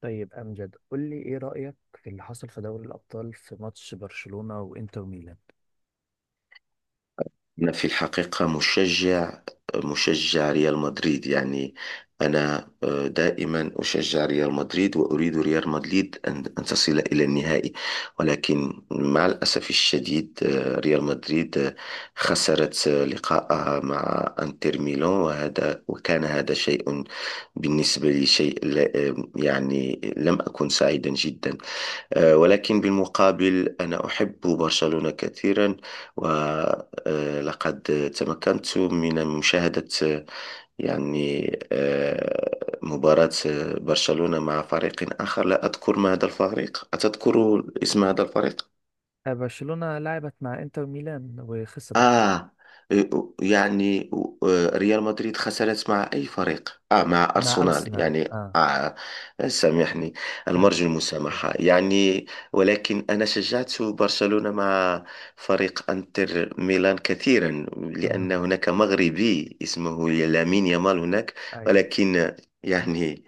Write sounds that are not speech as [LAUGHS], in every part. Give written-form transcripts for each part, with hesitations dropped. طيب امجد، قول لي ايه رايك في اللي حصل في دوري الابطال في ماتش برشلونه وانتر ميلان؟ أنا في الحقيقة مشجع ريال مدريد يعني. أنا دائما أشجع ريال مدريد وأريد ريال مدريد أن تصل إلى النهائي. ولكن مع الأسف الشديد ريال مدريد خسرت لقاءها مع أنتر ميلان وكان هذا شيء بالنسبة لي، شيء يعني لم أكن سعيدا جدا. ولكن بالمقابل أنا أحب برشلونة كثيرا. ولقد تمكنت من مشاهدة يعني مباراة برشلونة مع فريق آخر، لا أذكر ما هذا الفريق، أتذكر اسم هذا الفريق؟ برشلونه لعبت مع انتر ميلان وخسرت. آه يعني ريال مدريد خسرت مع أي فريق؟ مع مع أرسنال ارسنال، يعني اه. سامحني. اه، المرجو كده. المسامحة يعني. ولكن أنا شجعت برشلونة مع فريق أنتر ميلان كثيرا، لأن اه. هناك مغربي اسمه لامين يامال هناك. ايوه. ولكن يعني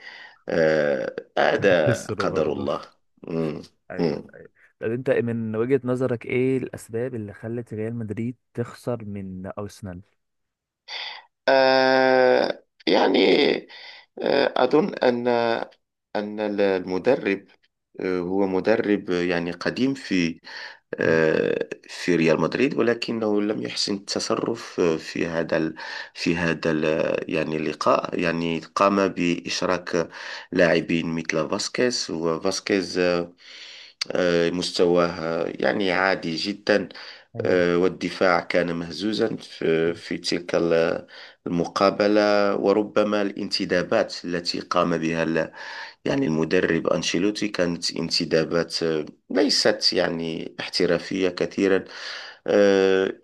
[LAUGHS] هذا خسروا قدر برضه. الله. مم. ايوه مم. ايوه. طب انت من وجهه نظرك ايه الاسباب اللي خلت ريال مدريد تخسر من ارسنال؟ يعني أظن أن أن المدرب هو مدرب يعني قديم في مم. في ريال مدريد، ولكنه لم يحسن التصرف في هذا يعني اللقاء. يعني قام بإشراك لاعبين مثل فاسكيز مستواه يعني عادي جدا. ايوه والدفاع كان مهزوزا في تلك المقابلة. وربما الانتدابات التي قام بها يعني المدرب أنشيلوتي كانت انتدابات ليست يعني احترافية كثيرا. آه،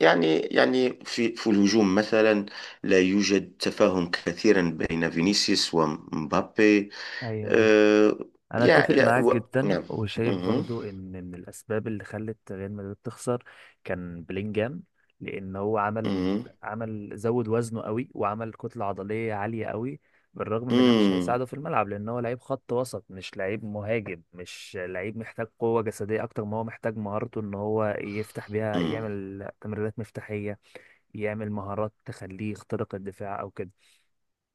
يعني يعني في الهجوم مثلا لا يوجد تفاهم كثيرا بين فينيسيوس ومبابي. ايوه، مظبوط. آه، انا اتفق معاك جدا، نعم. وشايف مهم. برضو ان من الاسباب اللي خلت ريال مدريد تخسر كان بلينجهام، لان هو عمل مهم. عمل زود وزنه قوي، وعمل كتله عضليه عاليه قوي، بالرغم ان ده مش مم. هيساعده في الملعب لان هو لعيب خط وسط، مش لعيب مهاجم، مش لعيب محتاج قوه جسديه اكتر ما هو محتاج مهارته ان هو يفتح بيها، مم. يعمل تمريرات مفتاحيه، يعمل مهارات تخليه يخترق الدفاع او كده.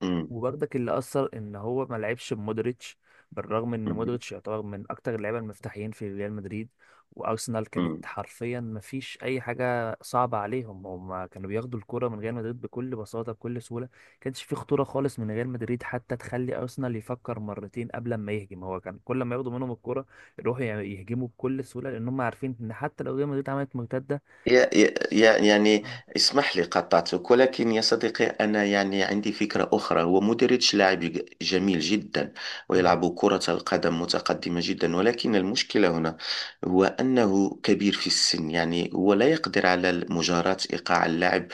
مم. وبرضك اللي اثر ان هو ما لعبش بمودريتش، بالرغم ان مم. مودريتش يعتبر من اكتر اللعيبه المفتاحيين في ريال مدريد. وارسنال كانت مم. حرفيا ما فيش اي حاجه صعبه عليهم، هم كانوا بياخدوا الكره من ريال مدريد بكل بساطه بكل سهوله. كانش في خطوره خالص من ريال مدريد حتى تخلي ارسنال يفكر مرتين قبل ما يهجم، هو كان كل ما ياخدوا منهم الكره يروحوا يعني يهجموا بكل سهوله، لان هم عارفين ان حتى لو ريال مدريد عملت مرتده. يعني آه، اسمح لي قطعتك، ولكن يا صديقي، أنا يعني عندي فكرة أخرى. هو مودريتش لاعب جميل جدا أيوة. ويلعب كرة القدم متقدمة جدا، ولكن المشكلة هنا هو أنه كبير في السن، يعني هو لا يقدر على مجاراة إيقاع اللاعب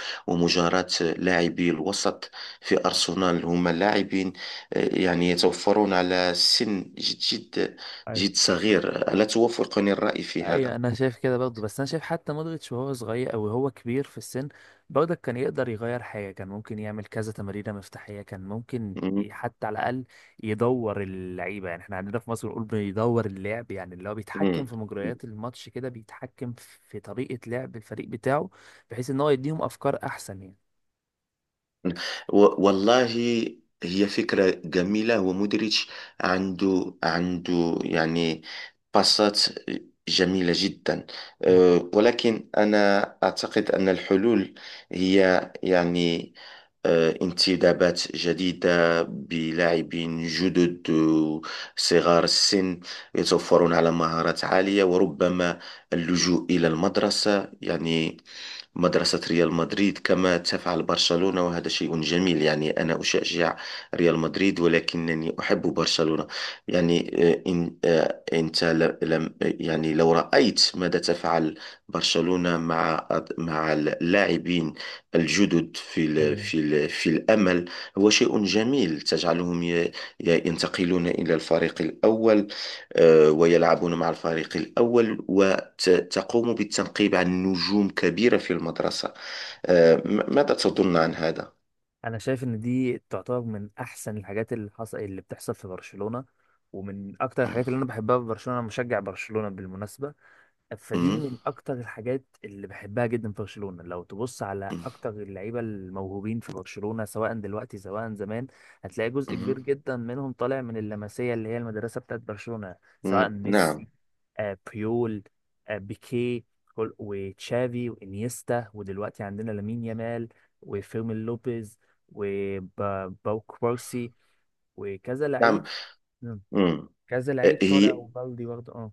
أيوة. ومجاراة لاعبي الوسط. في أرسنال هم لاعبين يعني يتوفرون على سن جد جد جد أيوة. صغير، ألا توافقني الرأي في ايوه، هذا؟ انا شايف كده برضه، بس انا شايف حتى مودريتش وهو صغير او هو كبير في السن برضه كان يقدر يغير حاجه، كان ممكن يعمل كذا تمريره مفتاحيه، مم. حتى على الاقل يدور اللعيبه. يعني احنا عندنا في مصر بنقول بيدور اللعب، يعني اللي هو بيتحكم مم. في مجريات الماتش كده، بيتحكم في طريقه لعب الفريق بتاعه، بحيث ان هو يديهم افكار احسن يعني. والله، هي فكرة جميلة، ومودريتش عنده يعني باصات جميلة جدا. مم. أه، ولكن أنا أعتقد أن الحلول هي يعني انتدابات جديدة بلاعبين جدد صغار السن، يتوفرون على مهارات عالية، وربما اللجوء إلى المدرسة، يعني مدرسة ريال مدريد كما تفعل برشلونة، وهذا شيء جميل. يعني أنا أشجع ريال مدريد، ولكنني أحب برشلونة. يعني إن أنت لم يعني، لو رأيت ماذا تفعل برشلونة مع اللاعبين الجدد في ال ايوه، في ال في الأمل، هو شيء جميل. تجعلهم ينتقلون إلى الفريق الأول ويلعبون مع الفريق الأول، وتقوم بالتنقيب عن نجوم كبيرة في المدرسة. ماذا تظن عن هذا؟ انا شايف ان دي تعتبر من احسن الحاجات اللي بتحصل في برشلونة، ومن اكتر مم. الحاجات اللي انا بحبها في برشلونة. أنا مشجع برشلونة بالمناسبة، فدي مم. من اكتر الحاجات اللي بحبها جدا في برشلونة. لو تبص على اكتر اللعيبة الموهوبين في برشلونة سواء دلوقتي سواء زمان، هتلاقي جزء كبير مم. جدا منهم طالع من اللمسية اللي هي المدرسة بتاعت برشلونة، سواء مم. نعم، ميسي، بيول، بيكي، وتشافي وانيستا، ودلوقتي عندنا لامين يامال وفيرمين لوبيز وباو كوبارسي وكذا نعم. لعيب. مم. مم. كذا لعيب طالع، هي وبالدي برضه، اه.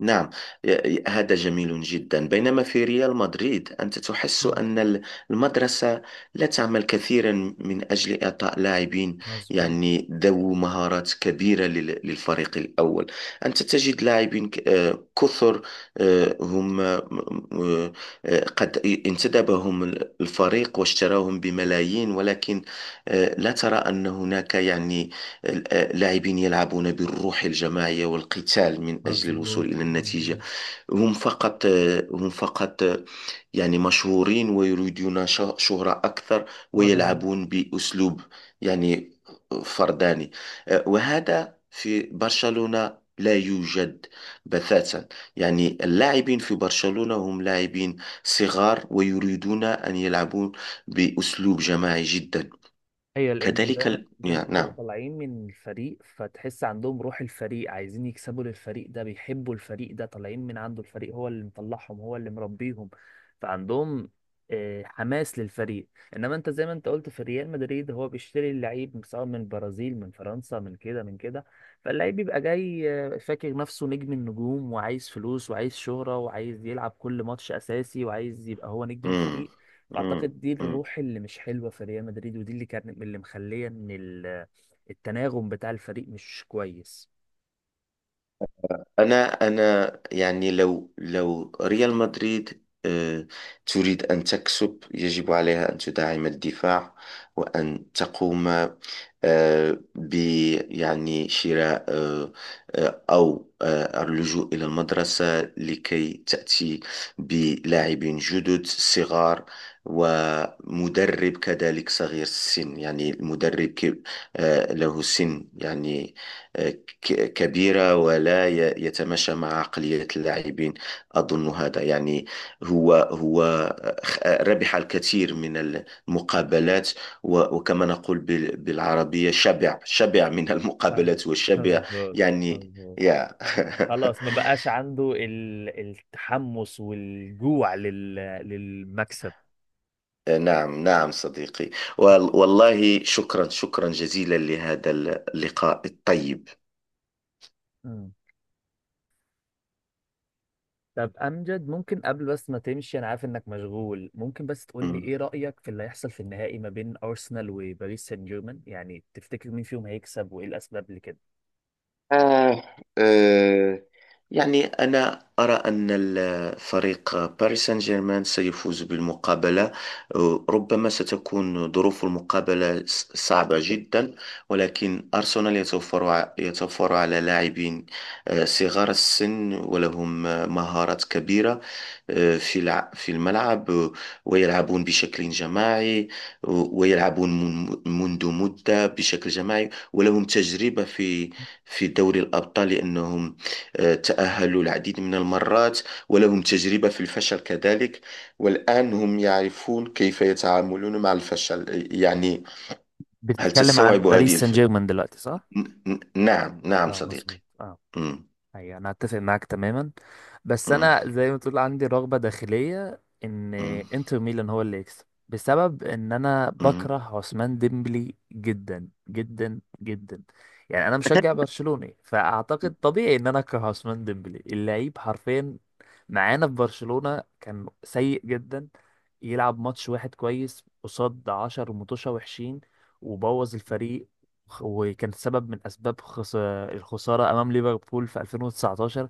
نعم، هذا جميل جدا. بينما في ريال مدريد، أنت تحس مم. أن المدرسة لا تعمل كثيرا من أجل إعطاء لاعبين مظبوط يعني ذو مهارات كبيرة للفريق الأول. أنت تجد لاعبين كثر، هم قد انتدبهم الفريق واشتراهم بملايين، ولكن لا ترى أن هناك يعني اللاعبين يلعبون بالروح الجماعية والقتال من أجل مظبوط الوصول إلى النتيجة. مظبوط، هم فقط هم فقط يعني مشهورين ويريدون شهرة أكثر، ومان. ويلعبون بأسلوب يعني فرداني. وهذا في برشلونة لا يوجد بتاتا. يعني اللاعبين في برشلونة هم لاعبين صغار ويريدون أن يلعبون بأسلوب جماعي جدا. هي لان ده زي ما يعني انتم نعم. طالعين من الفريق، فتحس عندهم روح الفريق، عايزين يكسبوا للفريق ده، بيحبوا الفريق ده، طالعين من عنده، الفريق هو اللي مطلعهم، هو اللي مربيهم، فعندهم حماس للفريق. انما انت زي ما انت قلت في ريال مدريد، هو بيشتري اللعيب سواء من البرازيل، من فرنسا، من كده من كده، فاللعيب بيبقى جاي فاكر نفسه نجم النجوم، وعايز فلوس وعايز شهرة وعايز يلعب كل ماتش اساسي وعايز يبقى هو نجم امم الفريق. امم فاعتقد دي امم الروح اللي مش حلوه في ريال مدريد، ودي اللي كانت اللي مخليه ان التناغم بتاع الفريق مش كويس. انا انا يعني لو ريال مدريد تريد ان تكسب، يجب عليها ان تدعم الدفاع، وان تقوم آه، ب يعني شراء، او اللجوء الى المدرسه لكي تاتي بلاعبين جدد صغار، ومدرب كذلك صغير السن. يعني المدرب له سن يعني آه، كبيرة ولا يتماشى مع عقلية اللاعبين. أظن هذا يعني هو ربح الكثير من المقابلات، وكما نقول بالعربية: شبع شبع من فاهم. المقابلات وشبع مظبوط يعني. مظبوط. يا خلاص، ما [LAUGHS] بقاش عنده التحمس والجوع للمكسب. نعم، نعم صديقي. وال- والله، شكرا، شكرا جزيلا لهذا اللقاء الطيب. مم. طب امجد، ممكن قبل بس ما تمشي، انا عارف انك مشغول، ممكن بس تقول لي ايه رايك في اللي هيحصل في النهائي ما بين ارسنال وباريس سان جيرمان؟ يعني تفتكر مين فيهم هيكسب وايه الاسباب لكده؟ آه آه يعني أنا أرى أن فريق باريس سان جيرمان سيفوز بالمقابلة. ربما ستكون ظروف المقابلة صعبة جدا، ولكن أرسنال يتوفر، يتوفر على لاعبين صغار السن ولهم مهارات كبيرة في في الملعب، ويلعبون بشكل جماعي ويلعبون منذ مدة بشكل جماعي، ولهم تجربة في دوري الأبطال، لأنهم تأهلوا العديد من المرات، ولهم تجربة في الفشل كذلك، والآن هم يعرفون كيف يتعاملون مع الفشل يعني. هل بتتكلم عن تستوعب هذه باريس سان جيرمان دلوقتي صح؟ نعم، نعم اه صديقي. مظبوط، اه. مم. ايوه، انا اتفق معاك تماما، بس مم. انا زي ما تقول عندي رغبه داخليه ان مم. انتر ميلان هو اللي يكسب، بسبب ان انا مم. بكره عثمان ديمبلي جدا جدا جدا. يعني انا مشجع برشلوني، فاعتقد طبيعي ان انا اكره عثمان ديمبلي. اللعيب حرفيا معانا في برشلونه كان سيء جدا، يلعب ماتش واحد كويس قصاد عشر متوشة وحشين، وبوظ الفريق، وكان سبب من اسباب الخسارة أمام ليفربول في 2019،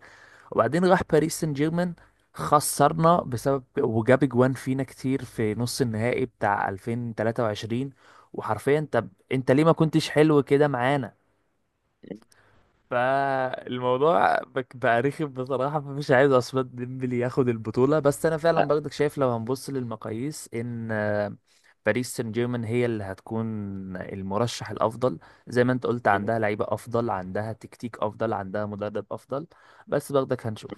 وبعدين راح باريس سان جيرمان، خسرنا بسبب وجاب جوان فينا كتير في نص النهائي بتاع 2023. وحرفيا طب انت ليه ما كنتش حلو كده معانا؟ فالموضوع بقى رخم بصراحة، فمش عايز عثمان ديمبلي ياخد البطولة. بس أنا آه. فعلا برضك شايف لو هنبص للمقاييس إن باريس سان جيرمان هي اللي هتكون المرشح الأفضل. زي ما أنت قلت مم. عندها لعيبة أفضل، عندها تكتيك أفضل، عندها مدرب أفضل. بس برضك هنشوف.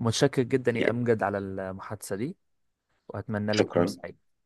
متشكر جدا يا أمجد على المحادثة دي، وأتمنى لك يوم شكرا. سعيد.